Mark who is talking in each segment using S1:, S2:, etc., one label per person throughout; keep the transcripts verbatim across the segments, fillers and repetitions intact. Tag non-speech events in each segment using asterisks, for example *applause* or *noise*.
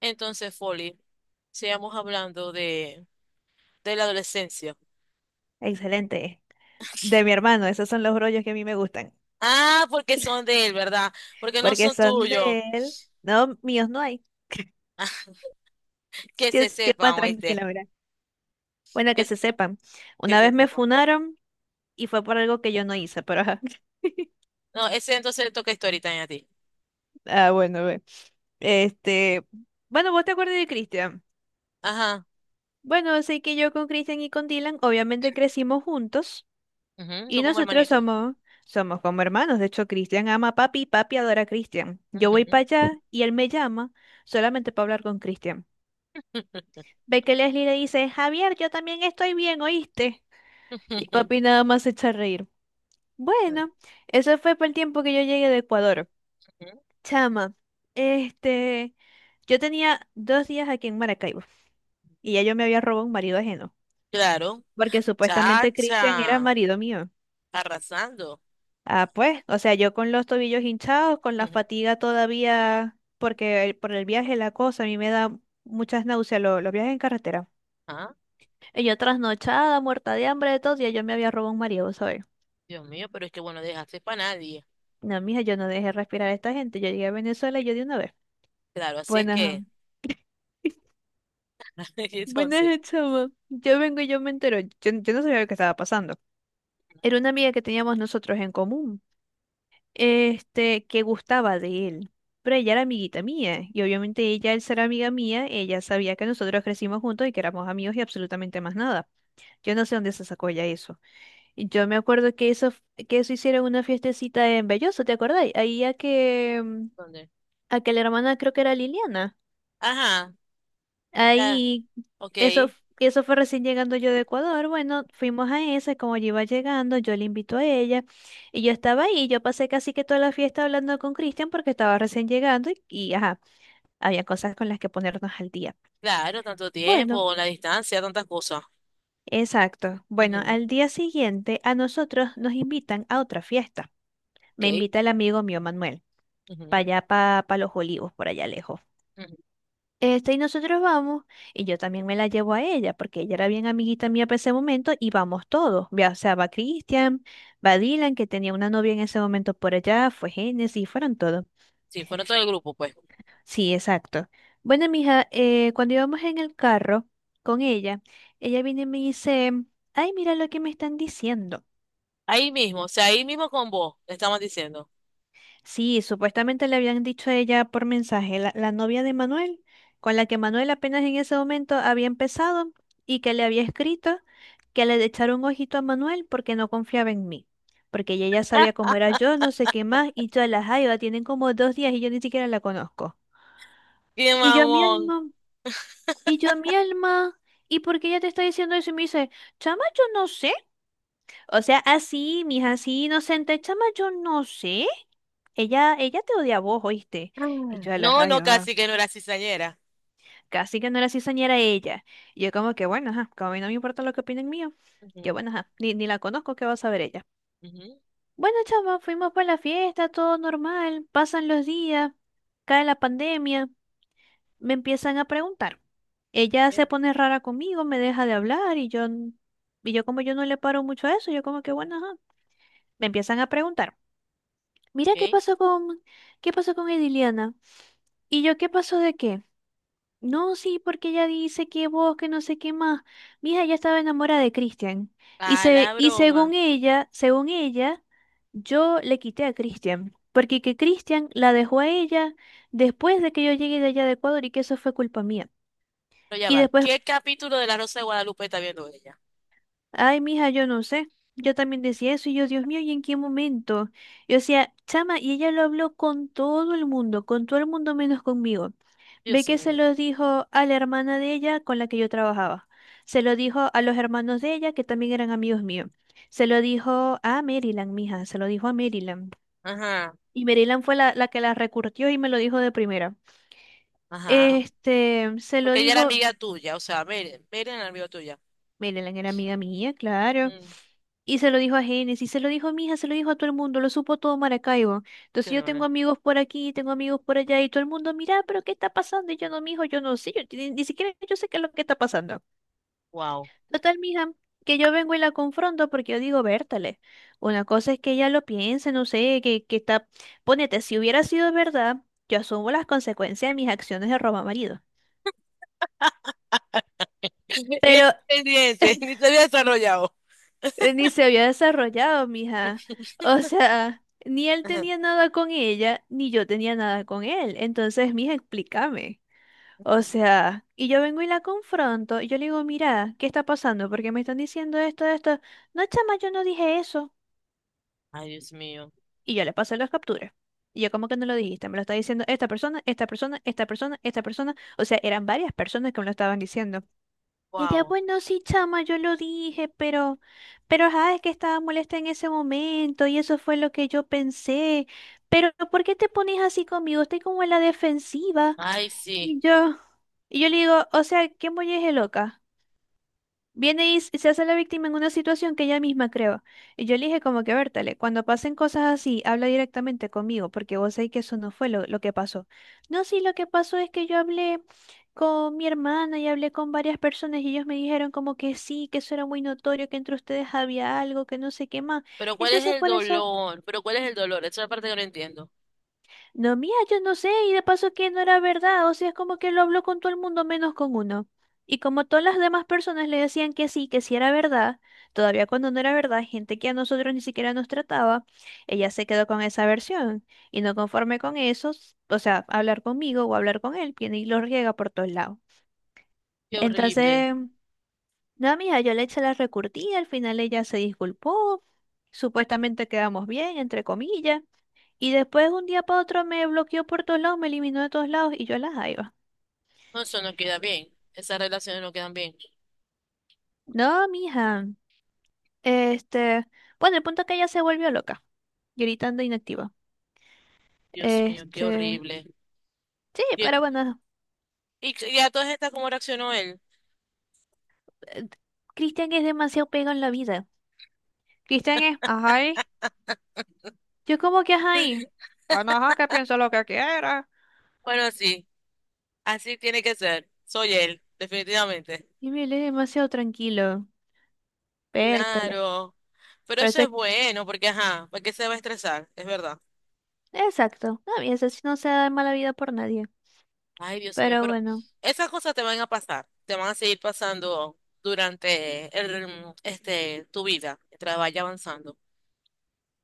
S1: Entonces, Folly, sigamos hablando de, de la adolescencia.
S2: Excelente. De mi hermano, esos son los rollos que a mí me gustan,
S1: Ah, porque son de él, ¿verdad? Porque no
S2: porque
S1: son
S2: son
S1: tuyos.
S2: de él. No, míos no hay.
S1: Ah, *laughs* que
S2: Yo
S1: se
S2: estoy
S1: sepan,
S2: más
S1: oíste.
S2: tranquila, mira. Bueno,
S1: Que,
S2: que se sepan.
S1: que
S2: Una
S1: se
S2: vez me
S1: sepan.
S2: funaron y fue por algo que yo no hice, pero ajá. *laughs*
S1: No, ese entonces le toca historita, Story a ti.
S2: Ah, bueno, ve. Este, bueno, ¿vos te acuerdas de Cristian?
S1: Ajá.
S2: Bueno, sé que yo con Cristian y con Dylan obviamente crecimos juntos
S1: Ujú,
S2: y
S1: son como
S2: nosotros
S1: hermanitos.
S2: somos somos como hermanos. De hecho, Cristian ama a papi y papi adora a Cristian. Yo voy
S1: Ujú.
S2: para allá y él me llama solamente para hablar con Cristian. Ve que Leslie le dice, Javier, yo también estoy bien, ¿oíste? Y papi
S1: *laughs*
S2: nada más se echa a reír. Bueno, eso fue por el tiempo que yo llegué de Ecuador.
S1: Ujú.
S2: Chama, este, yo tenía dos días aquí en Maracaibo y ya yo me había robado un marido ajeno,
S1: Claro.
S2: porque supuestamente Cristian era
S1: Chacha.
S2: marido mío.
S1: Arrasando.
S2: Ah, pues, o sea, yo con los tobillos hinchados, con la
S1: *laughs*
S2: fatiga todavía, porque el- por el viaje la cosa, a mí me da muchas náuseas lo- los viajes en carretera.
S1: Ah,
S2: Y yo trasnochada, muerta de hambre, de todo, y yo me había robado un marido, ¿sabes?
S1: Dios mío, pero es que bueno, dejaste para nadie.
S2: No, mija, yo no dejé respirar a esta gente. Yo llegué a Venezuela y yo de una vez.
S1: Claro, así es
S2: Buenas,
S1: que. *laughs* Entonces,
S2: buenas, chama. *laughs* Yo vengo y yo me entero. Yo, yo no sabía lo que estaba pasando. Era una amiga que teníamos nosotros en común, este, que gustaba de él. Pero ella era amiguita mía, y obviamente ella, al ser amiga mía, ella sabía que nosotros crecimos juntos y que éramos amigos y absolutamente más nada. Yo no sé dónde se sacó ella eso. Y yo me acuerdo que eso, f- que eso hicieron una fiestecita en Belloso, ¿te acordáis? Ahí a que, mm,
S1: ¿dónde?
S2: a que la hermana creo que era Liliana.
S1: Ajá. Ya,
S2: Ahí,
S1: ok.
S2: eso, f- eso fue recién llegando yo de Ecuador. Bueno, fuimos a esa, como yo iba llegando, yo le invito a ella. Y yo estaba ahí, yo pasé casi que toda la fiesta hablando con Cristian porque estaba recién llegando y, y ajá, había cosas con las que ponernos al día.
S1: Claro, tanto
S2: Bueno,
S1: tiempo, la distancia, tantas cosas.
S2: exacto. Bueno,
S1: Ujú,
S2: al día siguiente a nosotros nos invitan a otra fiesta.
S1: ok.
S2: Me invita el amigo mío Manuel, para
S1: Ujú,
S2: allá, para los olivos, por allá lejos.
S1: ujú.
S2: Este, y nosotros vamos, y yo también me la llevo a ella, porque ella era bien amiguita mía para ese momento, y vamos todos. Ya, o sea, va Cristian, va Dylan, que tenía una novia en ese momento por allá, fue Génesis, fueron todos.
S1: Sí, fueron todo el grupo, pues.
S2: Sí, exacto. Bueno, mija, eh, cuando íbamos en el carro con ella, ella viene y me dice, ay, mira lo que me están diciendo.
S1: Ahí mismo, o sea, ahí mismo con vos, le estamos diciendo.
S2: Sí, supuestamente le habían dicho a ella por mensaje, la, la novia de Manuel, con la que Manuel apenas en ese momento había empezado y que le había escrito que le echara un ojito a Manuel porque no confiaba en mí, porque ella ya sabía cómo era yo, no sé qué más, y todas las jaiba tienen como dos días y yo ni siquiera la conozco.
S1: ¡Qué
S2: Y yo mi
S1: mamón!
S2: alma, y yo mi alma, ¿y por qué ella te está diciendo eso? Y me dice, chama, yo no sé. O sea, así, mija, así inocente, chama, yo no sé. Ella, ella te odia a vos, ¿oíste? Y
S1: Ah.
S2: yo, ala,
S1: No,
S2: ay,
S1: no,
S2: ah,
S1: casi que no era cizañera.
S2: casi que no era cizañera ella. Y yo como que, bueno, ajá, como a mí no me importa lo que opinen mío, yo,
S1: Ujú,
S2: bueno, ajá, ni, ni la conozco, ¿qué va a saber ella?
S1: ujú,
S2: Bueno, chama, fuimos para la fiesta, todo normal, pasan los días, cae la pandemia, me empiezan a preguntar. Ella se
S1: bien,
S2: pone rara conmigo, me deja de hablar y yo, n- y yo como yo no le paro mucho a eso, yo como que, bueno, ajá, me empiezan a preguntar. Mira, ¿qué
S1: ok.
S2: pasó con, qué pasó con Ediliana? ¿Y yo qué pasó de qué? No, sí, porque ella dice que vos, que no sé qué más. Mi hija ya estaba enamorada de Christian. Y,
S1: A
S2: se,
S1: la
S2: y
S1: broma.
S2: según ella, según ella, yo le quité a Christian. Porque que Christian la dejó a ella después de que yo llegué de allá de Ecuador y que eso fue culpa mía.
S1: Pero ya
S2: Y
S1: va.
S2: después.
S1: ¿Qué capítulo de La Rosa de Guadalupe está viendo ella?
S2: Ay, mija, yo no sé. Yo también decía eso y yo, Dios mío, ¿y en qué momento? Yo decía, chama, y ella lo habló con todo el mundo, con todo el mundo menos conmigo. Ve
S1: Dios
S2: que se
S1: mío.
S2: lo dijo a la hermana de ella con la que yo trabajaba. Se lo dijo a los hermanos de ella que también eran amigos míos. Se lo dijo a Maryland, mija, se lo dijo a Maryland.
S1: Ajá,
S2: Y Maryland fue la, la que la recurrió y me lo dijo de primera.
S1: ajá.
S2: Este, se lo
S1: Porque ella era
S2: dijo.
S1: amiga tuya, o sea, Meren, Meren era amiga tuya.
S2: Maryland era amiga mía, claro.
S1: Mm,
S2: Y se lo dijo a Génesis, se lo dijo a mi hija, se lo dijo a todo el mundo, lo supo todo Maracaibo.
S1: qué
S2: Entonces yo tengo
S1: horror.
S2: amigos por aquí, tengo amigos por allá, y todo el mundo, mira, pero ¿qué está pasando? Y yo no, mijo, yo no sé, yo ni, ni siquiera yo sé qué es lo que está pasando.
S1: Wow.
S2: Total, mija, que yo vengo y la confronto porque yo digo, Bertale, una cosa es que ella lo piense, no sé, que, que está, ponete, si hubiera sido verdad, yo asumo las consecuencias de mis acciones de roba marido.
S1: *laughs* Bien,
S2: Pero
S1: pendiente, *laughs* ni se había desarrollado.
S2: eh, ni se había desarrollado, mija. O sea, ni él
S1: Ajá.
S2: tenía nada con ella, ni yo tenía nada con él. Entonces, mija, explícame. O sea, y yo vengo y la confronto, y yo le digo, mira, ¿qué está pasando? Porque me están diciendo esto, esto. No, chama, yo no dije eso.
S1: Ay, Dios mío.
S2: Y yo le pasé las capturas. Y yo, ¿cómo que no lo dijiste? Me lo está diciendo esta persona, esta persona, esta persona, esta persona. O sea, eran varias personas que me lo estaban diciendo. Y ella,
S1: Wow.
S2: bueno, sí, chama, yo lo dije, pero, pero, ajá, es que estaba molesta en ese momento y eso fue lo que yo pensé. Pero, ¿por qué te pones así conmigo? Estoy como en la defensiva.
S1: Ay, sí.
S2: Y yo, y yo le digo, o sea, ¿qué molleje loca? Viene y s- se hace la víctima en una situación que ella misma creó. Y yo le dije como que, Bertale, cuando pasen cosas así, habla directamente conmigo, porque vos sabés que eso no fue lo, lo que pasó. No, sí, lo que pasó es que yo hablé con mi hermana y hablé con varias personas y ellos me dijeron como que sí, que eso era muy notorio, que entre ustedes había algo, que no sé qué más.
S1: Pero ¿cuál es
S2: Entonces,
S1: el
S2: por eso.
S1: dolor? Pero ¿cuál es el dolor? Esa es la parte que no entiendo.
S2: No, mía, yo no sé, y de paso que no era verdad, o sea, es como que lo habló con todo el mundo menos con uno. Y como todas las demás personas le decían que sí, que sí era verdad, todavía cuando no era verdad, gente que a nosotros ni siquiera nos trataba, ella se quedó con esa versión. Y no conforme con eso, s- o sea, hablar conmigo o hablar con él, viene y lo riega por todos lados.
S1: Qué horrible.
S2: Entonces, no, mija, yo le eché la recurtida, al final ella se disculpó, supuestamente quedamos bien, entre comillas. Y después un día para otro me bloqueó por todos lados, me eliminó de todos lados y yo la jaiba.
S1: No, eso no queda bien. Esas relaciones no quedan bien.
S2: No, mija. Este, bueno, el punto es que ella se volvió loca, gritando inactiva.
S1: Dios mío, qué
S2: Este,
S1: horrible.
S2: sí,
S1: Y,
S2: pero bueno,
S1: y, y a todas estas, ¿cómo reaccionó él?
S2: eh, Cristian es demasiado pegado en la vida. Cristian es, ajá, y- yo como que ajá, y bueno, ajá, que piense lo que quiera.
S1: Bueno, sí, así tiene que ser. Soy él, definitivamente.
S2: Y me lee demasiado tranquilo. Pértale.
S1: Claro. Pero eso es
S2: Parece,
S1: bueno, porque ajá, ¿para qué se va a estresar? Es verdad.
S2: exacto. No, y ese sí no se da mala vida por nadie.
S1: Ay, Dios mío,
S2: Pero
S1: pero
S2: bueno.
S1: esas cosas te van a pasar, te van a seguir pasando durante el, este, tu vida, mientras vaya avanzando.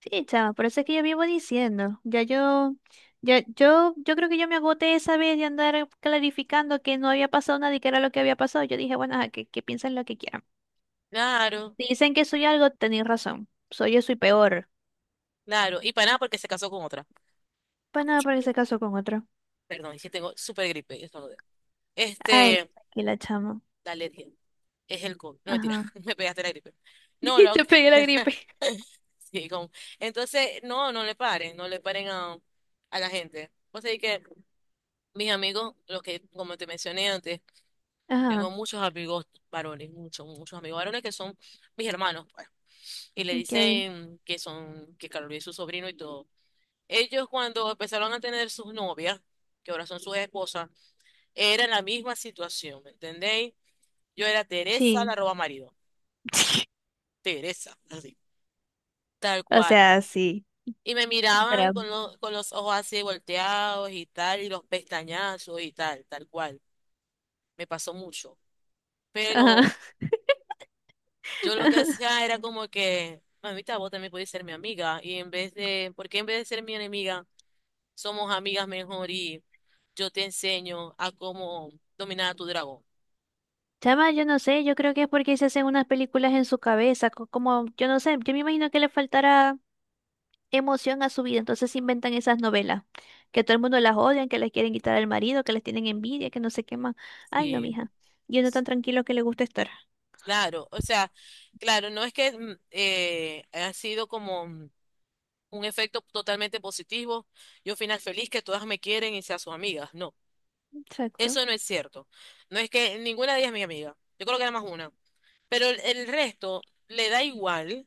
S2: Sí, chava, por eso es que yo vivo diciendo. Ya yo, ya, yo, yo creo que yo me agoté esa vez de andar clarificando que no había pasado nada y que era lo que había pasado. Yo dije, bueno, ajá, que, que piensen lo que quieran.
S1: Claro,
S2: Si dicen que soy algo, tenéis razón. Soy eso y peor.
S1: claro. Y para nada porque se casó con otra.
S2: Pues nada, porque se casó con otro.
S1: Perdón, es que tengo súper gripe, y estornudé.
S2: Ay,
S1: Este,
S2: aquí la chamo.
S1: dale, tía. Es el COVID. No, mentira,
S2: Ajá.
S1: *laughs* me pegaste la gripe.
S2: *laughs*
S1: No,
S2: Y
S1: lo...
S2: te pegué la gripe.
S1: *laughs* Sí, como... Entonces, no, no le paren, no le paren a, a la gente. O sea, que mis amigos, los que, como te mencioné antes,
S2: Ajá,
S1: tengo muchos amigos varones, muchos, muchos amigos varones que son mis hermanos, pues. Y le
S2: ok.
S1: dicen que son, que Carlos es su sobrino y todo. Ellos cuando empezaron a tener sus novias, que ahora son sus esposas, era la misma situación, ¿me entendéis? Yo era Teresa, la
S2: Sí.
S1: roba marido.
S2: *laughs*
S1: Teresa, así, tal
S2: O
S1: cual.
S2: sea, sí.
S1: Y me miraban
S2: Drama.
S1: con, lo... con los ojos así volteados y tal, y los pestañazos y tal, tal cual. Me pasó mucho. Pero
S2: Ajá.
S1: yo lo
S2: *laughs*
S1: que hacía era como que, mamita, vos también podés ser mi amiga. Y en vez de, porque en vez de ser mi enemiga, somos amigas mejor y yo te enseño a cómo dominar a tu dragón.
S2: Chama, yo no sé, yo creo que es porque se hacen unas películas en su cabeza, co- como, yo no sé, yo me imagino que le faltará emoción a su vida, entonces inventan esas novelas, que todo el mundo las odian, que les quieren quitar al marido, que les tienen envidia, que no sé qué más. Ay, no,
S1: Sí,
S2: mija, y uno tan tranquilo que le gusta estar.
S1: claro, o sea, claro, no es que mm, eh, ha sido como mm, un efecto totalmente positivo y un final feliz que todas me quieren y sean sus amigas. No,
S2: Exacto.
S1: eso no es cierto. No es que ninguna de ellas es mi amiga. Yo creo que era más una. Pero el el resto le da igual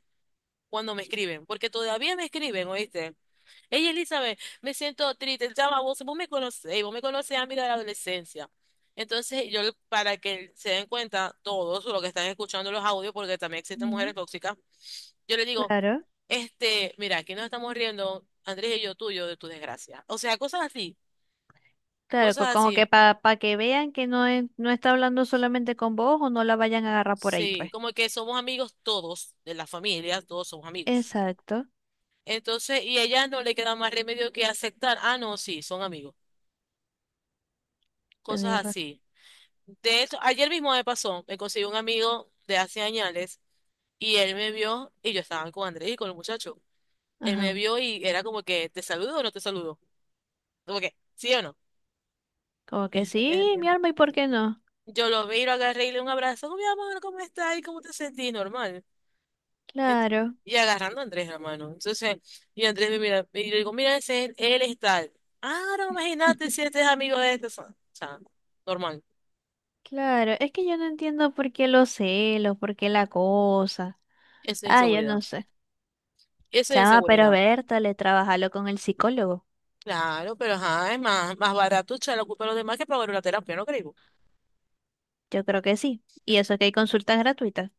S1: cuando me escriben, porque todavía me escriben, ¿oíste? Ella, Elizabeth, me siento triste, chama, vos, vos me conocés, vos me conocés a mí de la adolescencia. Entonces, yo, para que se den cuenta todos los que están escuchando los audios, porque también existen
S2: Ujú.
S1: mujeres tóxicas, yo les digo,
S2: Claro.
S1: este, mira, aquí nos estamos riendo, Andrés y yo tuyo, de tu desgracia. O sea, cosas así,
S2: Claro,
S1: cosas
S2: co- como que
S1: así.
S2: para que vean que no, es- no está hablando solamente con vos o no la vayan a agarrar por ahí,
S1: Sí,
S2: pues.
S1: como que somos amigos todos, de la familia, todos somos amigos.
S2: Exacto.
S1: Entonces, y a ella no le queda más remedio que aceptar, ah, no, sí, son amigos. Cosas
S2: Tenés ra-.
S1: así. De hecho, ayer mismo me pasó, me conseguí un amigo de hace años y él me vio y yo estaba con Andrés y con el muchacho. Él me
S2: Ajá,
S1: vio y era como que, ¿te saludo o no te saludo? Como que, ¿sí o no?
S2: como que
S1: *laughs* Eh,
S2: sí,
S1: eh,
S2: mi alma, ¿y por qué no?
S1: yo lo vi, lo agarré y le di un abrazo. "Oh, mi amor, ¿cómo estás? ¿Y cómo te sentís? Normal. Ent...
S2: Claro.
S1: y agarrando a Andrés, hermano. Entonces, y Andrés me mira, y yo digo, mira, ese es... él es tal. Ah, no, imagínate si este es amigo de este. O sea, normal.
S2: Claro, es que yo no entiendo por qué los celos, por qué la cosa.
S1: Eso es
S2: Ah, yo
S1: inseguridad.
S2: no sé.
S1: Eso es
S2: Chama, pero
S1: inseguridad.
S2: Berta, le trabajalo con el psicólogo.
S1: Claro, pero ajá, es más, más barato echar la culpa a los demás que pagar una terapia, ¿no creo?
S2: Yo creo que sí. Y eso que hay consultas gratuitas.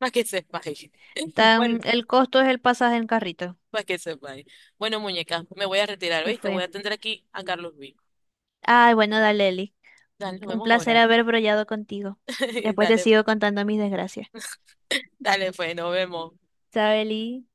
S1: Más que sepa. *laughs* Bueno,
S2: Tan, el costo es el pasaje en carrito.
S1: más que sepa. Bueno, muñeca, me voy a retirar,
S2: ¿Qué
S1: ¿viste? Voy
S2: fue?
S1: a atender aquí a Carlos B.
S2: Ay, bueno, dale, Eli.
S1: Dale, nos
S2: Un
S1: vemos
S2: placer
S1: ahora.
S2: haber brollado contigo.
S1: *laughs*
S2: Después te
S1: Dale,
S2: sigo contando mis desgracias.
S1: dale, pues, nos vemos.
S2: ¿Sabes, Eli?